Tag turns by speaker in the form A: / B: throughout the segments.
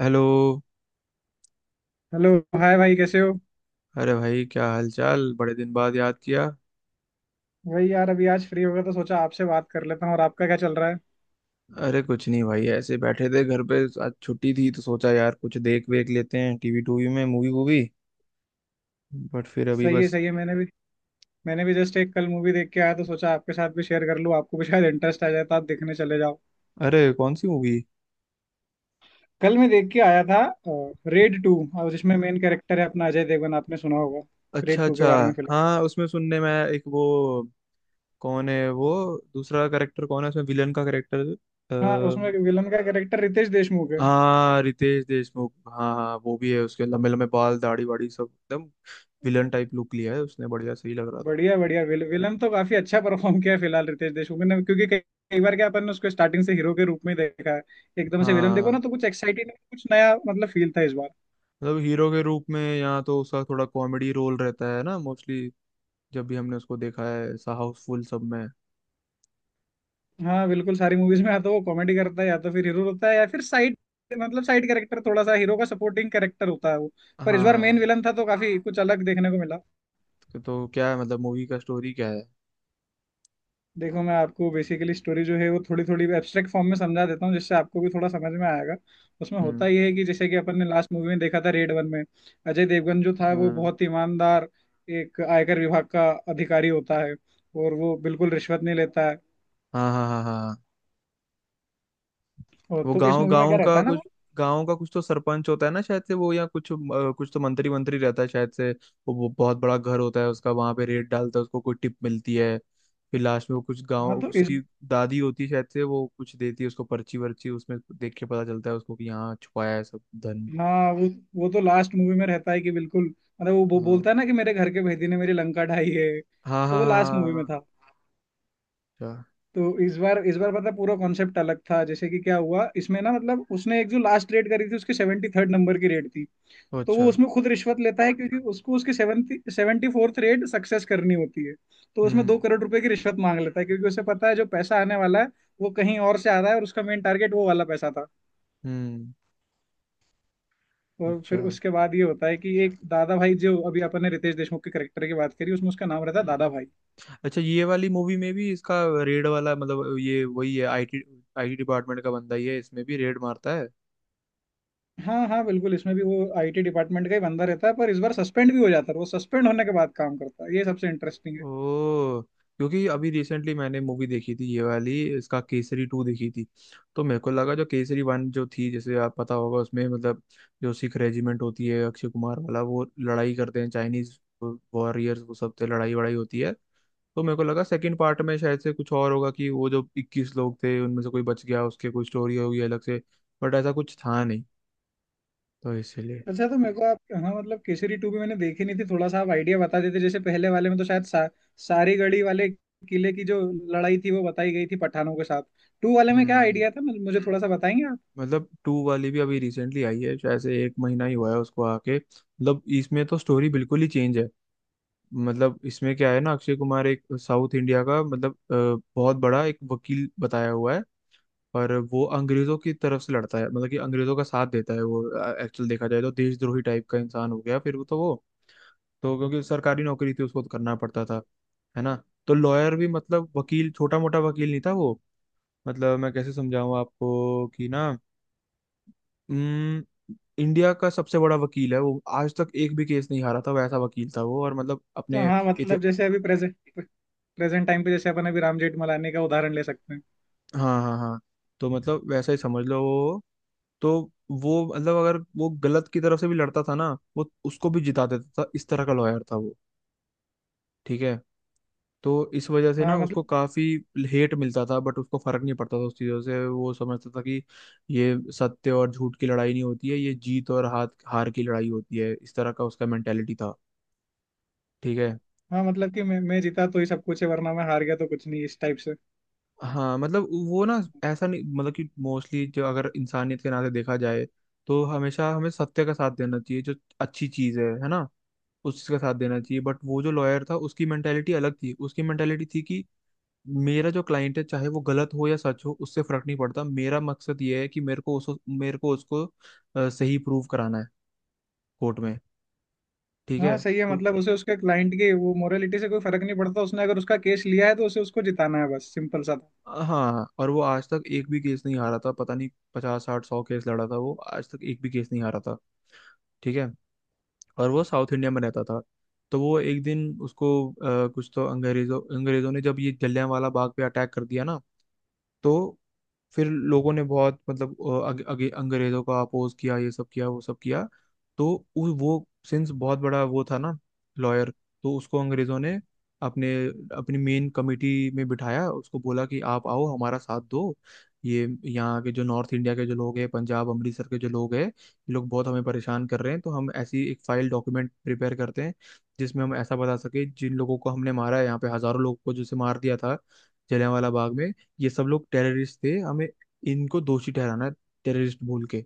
A: Hello.
B: Hello. Hi भाई, कैसे हो।
A: अरे भाई, क्या हाल चाल? बड़े दिन बाद याद किया।
B: भाई यार, अभी आज फ्री होगा तो सोचा आपसे बात कर लेता हूँ। और आपका क्या चल रहा है।
A: अरे कुछ नहीं भाई, ऐसे बैठे थे घर पे, आज छुट्टी थी तो सोचा यार कुछ देख वेख लेते हैं टीवी टूवी में, मूवी वूवी। बट फिर अभी
B: सही है,
A: बस।
B: सही है। मैंने भी जस्ट एक कल मूवी देख के आया, तो सोचा आपके साथ भी शेयर कर लूँ, आपको भी शायद इंटरेस्ट आ जाए तो आप देखने चले जाओ।
A: अरे कौन सी मूवी?
B: कल मैं देख के आया था, रेड टू। और जिसमें मेन कैरेक्टर है अपना अजय देवगन, आपने सुना होगा
A: अच्छा
B: रेड टू के
A: अच्छा।
B: बारे में फिलहाल।
A: हाँ, उसमें सुनने में आया, एक वो। कौन है वो? दूसरा करेक्टर कौन है उसमें? विलन का करेक्टर।
B: हाँ, उसमें विलन का कैरेक्टर रितेश देशमुख है।
A: हाँ, रितेश देशमुख, हाँ हाँ वो भी है। उसके लंबे लंबे बाल, दाढ़ी वाड़ी, सब एकदम विलन टाइप लुक लिया है उसने। बढ़िया, सही लग रहा था।
B: बढ़िया बढ़िया, विलन तो काफी अच्छा परफॉर्म किया है फिलहाल रितेश देशमुख ने, क्योंकि कई, कई बार क्या अपन ने उसको स्टार्टिंग से हीरो के रूप में देखा है। एकदम से विलन देखो ना
A: हाँ।
B: तो कुछ एक्साइटिंग, कुछ नया मतलब फील था इस बार।
A: मतलब हीरो के रूप में, यहाँ तो उसका थोड़ा कॉमेडी रोल रहता है ना मोस्टली। जब भी हमने उसको देखा है, ऐसा हाउसफुल सब में।
B: हाँ बिल्कुल, सारी मूवीज में या तो वो कॉमेडी करता है या तो फिर हीरो होता है या फिर साइड, मतलब साइड कैरेक्टर, थोड़ा सा हीरो का सपोर्टिंग कैरेक्टर होता है वो। पर इस बार मेन
A: हाँ।
B: विलन था तो काफी कुछ अलग देखने को मिला।
A: तो क्या है, मतलब मूवी का स्टोरी क्या है?
B: देखो, मैं आपको बेसिकली स्टोरी जो है वो थोड़ी थोड़ी एब्स्ट्रैक्ट फॉर्म में समझा देता हूँ जिससे आपको भी थोड़ा समझ में आएगा। उसमें
A: हम्म।
B: होता ये है कि जैसे कि अपन ने लास्ट मूवी में देखा था रेड वन में, अजय देवगन जो था वो
A: हाँ
B: बहुत ईमानदार एक आयकर विभाग का अधिकारी होता है, और वो बिल्कुल रिश्वत नहीं लेता है।
A: हाँ हाँ हाँ। हाँ,
B: और
A: वो
B: तो इस
A: गांव
B: मूवी में क्या
A: गांव
B: रहता
A: का
B: है ना
A: कुछ,
B: वो।
A: गांव का कुछ तो सरपंच होता है ना शायद से वो, या कुछ कुछ तो मंत्री मंत्री रहता है शायद से वो बहुत बड़ा घर होता है उसका, वहां पे रेड डालता है, उसको कोई टिप मिलती है। फिर लास्ट में वो कुछ गांव
B: हाँ तो इस,
A: उसकी दादी होती है शायद से, वो कुछ देती है उसको पर्ची वर्ची, उसमें देख के पता चलता है उसको कि यहाँ छुपाया है सब धन।
B: हाँ वो तो लास्ट मूवी में रहता है कि बिल्कुल, मतलब वो
A: हाँ
B: बोलता है ना कि मेरे घर के भेदी ने मेरी लंका ढाई है,
A: हाँ
B: तो
A: हाँ
B: वो
A: हाँ।
B: लास्ट मूवी में
A: हाँ।
B: था।
A: हाँ।
B: तो इस बार पता पूरा कॉन्सेप्ट अलग था। जैसे कि क्या हुआ इसमें ना, मतलब उसने एक जो लास्ट रेड करी थी उसके 73rd नंबर की रेड थी।
A: अच्छा। ओ
B: तो
A: अच्छा।
B: वो उसमें खुद रिश्वत लेता है क्योंकि उसको उसके seventy seventy fourth raid success करनी होती है। तो उसमें दो
A: हम्म।
B: करोड़ रुपए की रिश्वत मांग लेता है क्योंकि उसे पता है जो पैसा आने वाला है वो कहीं और से आ रहा है, और उसका मेन टारगेट वो वाला पैसा था।
A: हम्म।
B: और
A: अच्छा।
B: फिर उसके बाद ये होता है कि एक दादा भाई, जो अभी अपन ने रितेश देशमुख के करेक्टर की बात करी, उसमें उसका नाम रहता है
A: हम्म।
B: दादा भाई।
A: अच्छा, ये वाली मूवी में भी इसका रेड वाला मतलब, ये वही है, आईटी आईटी डिपार्टमेंट का बंदा ही है, इसमें भी रेड मारता है?
B: हाँ हाँ बिल्कुल, इसमें भी वो आईटी डिपार्टमेंट का ही बंदा रहता है, पर इस बार सस्पेंड भी हो जाता है। वो सस्पेंड होने के बाद काम करता है, ये सबसे इंटरेस्टिंग है।
A: ओ। क्योंकि अभी रिसेंटली मैंने मूवी देखी थी ये वाली, इसका केसरी टू देखी थी। तो मेरे को लगा, जो केसरी वन जो थी, जैसे आप पता होगा, उसमें मतलब जो सिख रेजिमेंट होती है, अक्षय कुमार वाला, वो लड़ाई करते हैं चाइनीज वॉरियर्स, वो सब से लड़ाई वड़ाई होती है। तो मेरे को लगा सेकंड पार्ट में शायद से कुछ और होगा, कि वो जो 21 लोग थे उनमें से कोई बच गया, उसके कोई स्टोरी होगी अलग से। बट ऐसा कुछ था नहीं। तो इसीलिए।
B: अच्छा तो मेरे को आप हाँ मतलब केसरी टू भी मैंने देखी नहीं थी, थोड़ा सा आप आइडिया बता देते। जैसे पहले वाले में तो सारी गढ़ी वाले किले की जो लड़ाई थी वो बताई गई थी पठानों के साथ। टू वाले में क्या
A: हम्म।
B: आइडिया था, मुझे मुझे थोड़ा सा बताएंगे आप।
A: मतलब टू वाली भी अभी रिसेंटली आई है शायद से, एक महीना ही हुआ है उसको आके, मतलब इसमें तो स्टोरी बिल्कुल ही चेंज है। मतलब इसमें क्या है ना, अक्षय कुमार एक साउथ इंडिया का मतलब बहुत बड़ा एक वकील बताया हुआ है। पर वो अंग्रेजों की तरफ से लड़ता है, मतलब कि अंग्रेजों का साथ देता है वो। एक्चुअल देखा जाए तो देशद्रोही टाइप का इंसान हो गया फिर वो, तो वो, तो क्योंकि सरकारी नौकरी थी उसको तो करना पड़ता था। है ना। तो लॉयर भी, मतलब वकील, छोटा मोटा वकील नहीं था वो। मतलब मैं कैसे समझाऊं आपको कि ना। इंडिया का सबसे बड़ा वकील है वो, आज तक एक भी केस नहीं हारा था, वैसा वकील था वो, और मतलब
B: तो
A: अपने
B: हाँ
A: इति।
B: मतलब जैसे अभी प्रेजेंट प्रेजेंट टाइम पे जैसे अपन अभी राम जेठमलानी का उदाहरण ले सकते हैं।
A: हाँ हाँ हाँ। तो मतलब वैसा ही समझ लो वो। तो, वो मतलब, अगर वो गलत की तरफ से भी लड़ता था ना, वो उसको भी जिता देता था, इस तरह का लॉयर था वो। ठीक है। तो इस वजह से ना
B: हाँ
A: उसको
B: मतलब
A: काफी हेट मिलता था, बट उसको फर्क नहीं पड़ता था उस चीजों से, वो समझता था कि ये सत्य और झूठ की लड़ाई नहीं होती है, ये जीत और हाथ हार की लड़ाई होती है, इस तरह का उसका मेंटेलिटी था। ठीक है।
B: हाँ मतलब कि मैं जीता तो ही सब कुछ है, वरना मैं हार गया तो कुछ नहीं, इस टाइप से।
A: हाँ मतलब वो ना, ऐसा नहीं मतलब कि मोस्टली, जो अगर इंसानियत के नाते देखा जाए तो हमेशा हमें सत्य का साथ देना चाहिए, जो अच्छी चीज है ना, उस चीज का साथ देना चाहिए। बट वो जो लॉयर था उसकी मेंटेलिटी अलग थी, उसकी मेंटेलिटी थी कि मेरा जो क्लाइंट है, चाहे वो गलत हो या सच हो उससे फर्क नहीं पड़ता, मेरा मकसद ये है कि मेरे को उसको सही प्रूव कराना है कोर्ट में। ठीक
B: हाँ
A: है।
B: सही है,
A: तो
B: मतलब उसे उसके क्लाइंट की वो मोरालिटी से कोई फर्क नहीं पड़ता। उसने अगर उसका केस लिया है तो उसे उसको जिताना है, बस सिंपल सा था।
A: हाँ, और वो आज तक एक भी केस नहीं हारा था, पता नहीं 50 60 100 केस लड़ा था वो, आज तक एक भी केस नहीं हारा था। ठीक है। और वो साउथ इंडिया में रहता था। तो वो एक दिन उसको कुछ तो, अंग्रेजों अंग्रेजों ने जब ये जलियांवाला बाग पे अटैक कर दिया ना, तो फिर लोगों ने बहुत मतलब अ, अग, अगे अंग्रेजों का अपोज किया, ये सब किया वो सब किया। तो वो सिंस बहुत बड़ा वो था ना, लॉयर। तो उसको अंग्रेजों ने अपने अपनी मेन कमेटी में बिठाया, उसको बोला कि आप आओ हमारा साथ दो, ये यहाँ के जो नॉर्थ इंडिया के जो लोग हैं, पंजाब अमृतसर के जो लोग हैं, ये लोग बहुत हमें परेशान कर रहे हैं, तो हम ऐसी एक फाइल डॉक्यूमेंट प्रिपेयर करते हैं जिसमें हम ऐसा बता सके, जिन लोगों को हमने मारा है यहाँ पे, हजारों लोगों को जैसे मार दिया था जलियांवाला बाग में, ये सब लोग टेररिस्ट थे, हमें इनको दोषी ठहराना है, टेररिस्ट बोल के,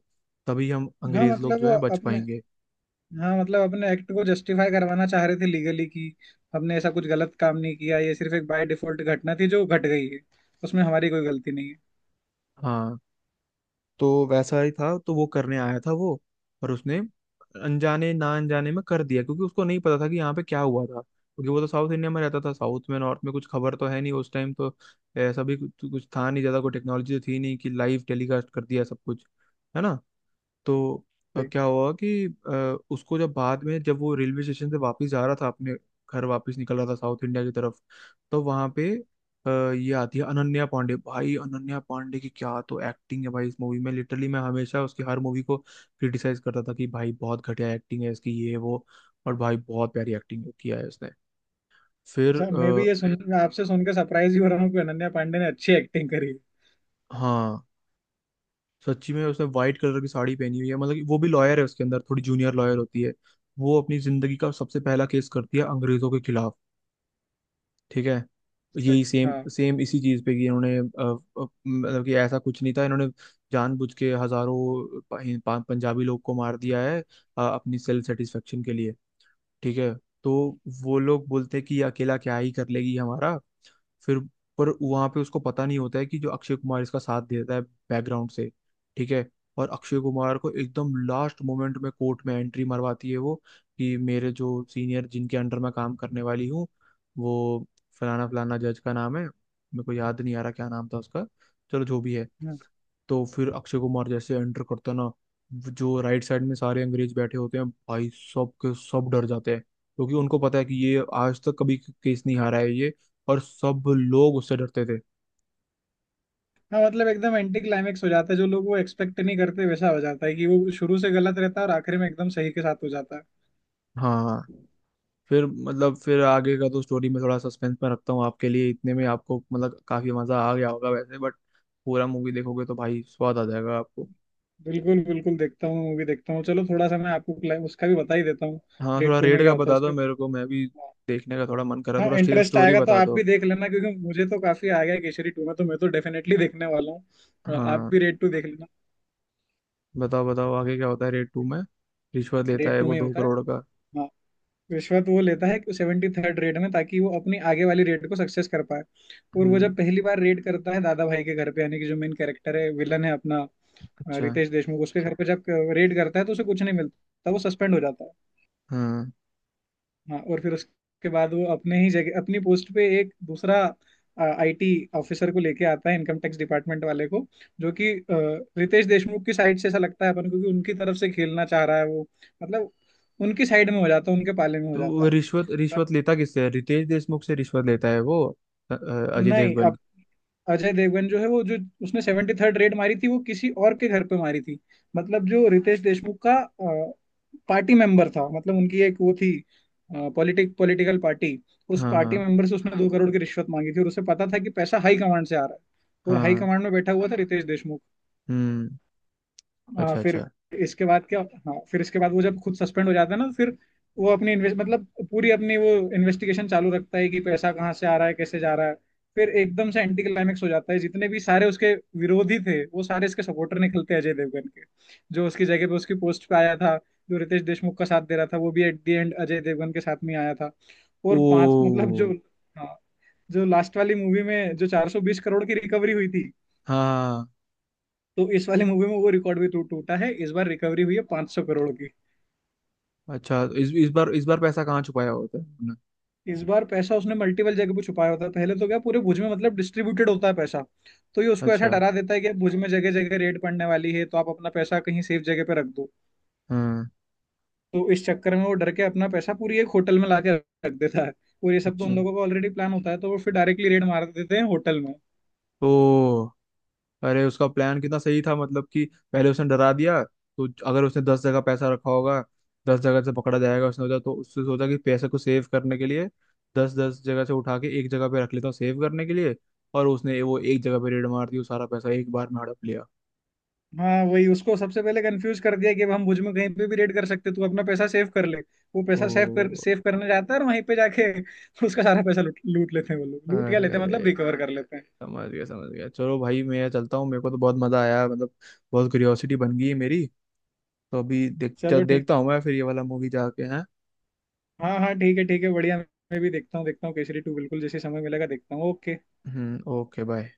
A: तभी हम
B: हाँ
A: अंग्रेज लोग
B: मतलब
A: जो है बच
B: अपने
A: पाएंगे।
B: हाँ मतलब अपने एक्ट को जस्टिफाई करवाना चाह रहे थे लीगली, कि हमने ऐसा कुछ गलत काम नहीं किया, ये सिर्फ एक बाय डिफॉल्ट घटना थी जो घट गई है, उसमें हमारी कोई गलती नहीं है।
A: हाँ। तो वैसा ही था, तो वो करने आया था वो, और उसने अनजाने, ना अनजाने में कर दिया, क्योंकि उसको नहीं पता था कि यहाँ पे क्या हुआ था, क्योंकि वो तो साउथ इंडिया में रहता था, साउथ में नॉर्थ में कुछ खबर तो है नहीं उस टाइम तो, ऐसा भी कुछ था नहीं ज्यादा, कोई टेक्नोलॉजी तो थी नहीं कि लाइव टेलीकास्ट कर दिया सब कुछ, है ना। तो
B: सही।
A: क्या हुआ कि उसको जब बाद में, जब वो रेलवे स्टेशन से वापस जा रहा था, अपने घर वापस निकल रहा था साउथ इंडिया की तरफ, तो वहां पे ये आती है अनन्या पांडे। भाई, अनन्या पांडे की क्या तो एक्टिंग है भाई इस मूवी में, लिटरली मैं हमेशा उसकी हर मूवी को क्रिटिसाइज करता था कि भाई बहुत घटिया एक्टिंग है इसकी, ये वो। और भाई बहुत प्यारी एक्टिंग किया है उसने। फिर
B: अच्छा,
A: आ,
B: मैं भी ये सुन, आपसे सुन के सरप्राइज ही हो रहा हूँ कि अनन्या पांडे ने अच्छी एक्टिंग करी है।
A: हाँ, सच्ची में उसने व्हाइट कलर की साड़ी पहनी हुई है, मतलब कि वो भी लॉयर है, उसके अंदर थोड़ी जूनियर लॉयर होती है। वो अपनी जिंदगी का सबसे पहला केस करती है अंग्रेजों के खिलाफ। ठीक है।
B: सही,
A: यही सेम
B: हाँ।
A: सेम इसी चीज पे कि इन्होंने मतलब कि ऐसा कुछ नहीं था, इन्होंने जानबूझ के हजारों पंजाबी लोग को मार दिया है अपनी सेल्फ सेटिस्फेक्शन के लिए। ठीक है। तो वो लोग बोलते हैं कि ये अकेला क्या ही कर लेगी हमारा, फिर। पर वहां पे उसको पता नहीं होता है कि जो अक्षय कुमार इसका साथ देता है बैकग्राउंड से। ठीक है। और अक्षय कुमार को एकदम लास्ट मोमेंट में कोर्ट में एंट्री मरवाती है वो कि मेरे जो सीनियर जिनके अंडर मैं काम करने वाली हूँ, वो फलाना फलाना जज का नाम है, मेरे को याद नहीं आ रहा क्या नाम था उसका, चलो जो भी है।
B: हाँ
A: तो फिर अक्षय कुमार जैसे एंटर करता है ना, वो जो राइट साइड में सारे अंग्रेज बैठे होते हैं भाई, सब के सब डर जाते हैं, क्योंकि उनको पता है कि ये आज तक कभी केस नहीं हारा है ये, और सब लोग उससे डरते थे।
B: हाँ मतलब एकदम एंटी क्लाइमेक्स हो जाता है। जो लोग वो एक्सपेक्ट नहीं करते वैसा हो जाता है कि वो शुरू से गलत रहता है और आखिर में एकदम सही के साथ हो जाता है।
A: हाँ। फिर मतलब, फिर आगे का तो स्टोरी में थोड़ा सस्पेंस में रखता हूँ आपके लिए, इतने में आपको मतलब काफी मजा आ गया होगा वैसे, बट पूरा मूवी देखोगे तो भाई, स्वाद आ जाएगा आपको।
B: बिल्कुल बिल्कुल, देखता हूँ मूवी देखता हूँ। चलो थोड़ा सा मैं आपको उसका भी बता ही देता हूँ,
A: हाँ,
B: रेड
A: थोड़ा
B: टू
A: रेट
B: में क्या
A: का
B: होता है
A: बता दो
B: उसके।
A: मेरे को, मैं भी देखने का थोड़ा मन कर रहा है,
B: हाँ,
A: थोड़ा
B: इंटरेस्ट
A: स्टोरी
B: आएगा तो
A: बता
B: आप भी
A: दो।
B: देख लेना क्योंकि मुझे तो काफी आ गया है। केसरी टू में तो मैं तो डेफिनेटली देखने वाला हूँ, आप
A: हाँ,
B: भी रेड टू देख लेना।
A: बताओ बताओ आगे क्या होता है रेड टू में? रिश्वत लेता
B: रेड
A: है
B: टू में
A: वो
B: ही
A: दो
B: होता है।
A: करोड़ का।
B: हाँ, रिश्वत वो लेता है 73rd रेड में, ताकि वो अपनी आगे वाली रेड को सक्सेस कर पाए। और वो
A: हम्म।
B: जब पहली बार रेड करता है दादा भाई के घर पे, यानी कि जो मेन कैरेक्टर है विलन है अपना
A: अच्छा।
B: रितेश देशमुख, उसके घर पे जब रेड करता है तो उसे कुछ नहीं मिलता, वो सस्पेंड हो जाता है।
A: हाँ,
B: हाँ, और फिर उसके बाद वो अपने ही जगह अपनी पोस्ट पे एक दूसरा आईटी ऑफिसर को लेके आता है, इनकम टैक्स डिपार्टमेंट वाले को, जो कि रितेश देशमुख की साइड से ऐसा लगता है अपन को कि उनकी तरफ से खेलना चाह रहा है वो। मतलब उनकी साइड में हो जाता है, उनके पाले में हो
A: तो
B: जाता
A: वो
B: है।
A: रिश्वत रिश्वत लेता किससे है? रितेश देशमुख से रिश्वत लेता है वो? अजय
B: नहीं,
A: देवगन।
B: अब अजय देवगन जो है वो जो उसने सेवेंटी थर्ड रेड मारी थी वो किसी और के घर पे मारी थी। मतलब जो रितेश देशमुख का पार्टी मेंबर था, मतलब उनकी एक वो थी पॉलिटिकल पार्टी। उस
A: हाँ
B: पार्टी
A: हाँ
B: मेंबर से उसने 2 करोड़ की रिश्वत मांगी थी, और उसे पता था कि पैसा हाई कमांड से आ रहा है, और हाई
A: हाँ।
B: कमांड में बैठा हुआ था रितेश देशमुख।
A: हम्म।
B: हाँ
A: अच्छा
B: फिर
A: अच्छा।
B: इसके बाद क्या। हाँ फिर इसके बाद वो जब खुद सस्पेंड हो जाता है ना, फिर वो अपनी इन्वेस्ट मतलब पूरी अपनी वो इन्वेस्टिगेशन चालू रखता है कि पैसा कहाँ से आ रहा है, कैसे जा रहा है। फिर एकदम से एंटी क्लाइमेक्स हो जाता है। जितने भी सारे उसके विरोधी थे वो सारे इसके सपोर्टर निकलते हैं अजय देवगन के। जो उसकी जगह पे उसकी पोस्ट पे आया था, जो रितेश देशमुख का साथ दे रहा था, वो भी at the end Ajay Devgn के साथ में आया था।
A: ओ।
B: और पांच मतलब जो, हाँ, जो लास्ट वाली मूवी में जो 420 करोड़ की रिकवरी हुई थी,
A: हाँ।
B: तो इस वाले मूवी में वो रिकॉर्ड भी टूटा है। इस बार रिकवरी हुई है 500 करोड़ की।
A: अच्छा, इस बार इस बार पैसा कहाँ छुपाया होता है उन्होंने?
B: इस बार पैसा उसने मल्टीपल जगह पे छुपाया होता है। पहले तो क्या पूरे भुज में मतलब डिस्ट्रीब्यूटेड होता है पैसा। तो ये उसको ऐसा
A: अच्छा।
B: डरा देता है कि अब भुज में जगह जगह रेड पड़ने वाली है, तो आप अपना पैसा कहीं सेफ जगह पे रख दो।
A: हाँ।
B: तो इस चक्कर में वो डर के अपना पैसा पूरी एक होटल में ला के रख देता है। और ये सब तो
A: अच्छा।
B: उन लोगों का ऑलरेडी प्लान होता है, तो वो फिर डायरेक्टली रेड मार देते हैं होटल में।
A: ओ। अरे उसका प्लान कितना सही था, मतलब कि पहले उसने डरा दिया, तो अगर उसने 10 जगह पैसा रखा होगा, 10 जगह से पकड़ा जाएगा उसने सोचा, तो उसने सोचा कि पैसे को सेव करने के लिए दस दस जगह से उठा के एक जगह पे रख लेता हूँ सेव करने के लिए, और उसने वो एक जगह पे रेड मार दी, वो सारा पैसा एक बार में हड़प लिया
B: हाँ वही, उसको सबसे पहले कंफ्यूज कर दिया कि अब हम भुज में कहीं पे भी रेड कर सकते, तू अपना पैसा सेव कर ले। वो पैसा
A: तो।
B: सेव करने जाता है, और वहीं पे जाके उसका सारा पैसा लूट लूट लेते हैं वो लोग। लूट क्या
A: अरे
B: लेते हैं,
A: अरे।
B: मतलब रिकवर कर लेते हैं।
A: समझ गया समझ गया, चलो भाई मैं चलता हूँ, मेरे को तो बहुत मजा आया मतलब, बहुत क्यूरियोसिटी बन गई है मेरी। तो अभी देख,
B: चलो ठीक।
A: देखता हूँ मैं फिर ये वाला मूवी जाके हैं।
B: हाँ हाँ ठीक है ठीक है, बढ़िया। मैं भी देखता हूँ, देखता हूँ केसरी टू, बिल्कुल, जैसे समय मिलेगा देखता हूँ। ओके।
A: Hmm, okay, bye.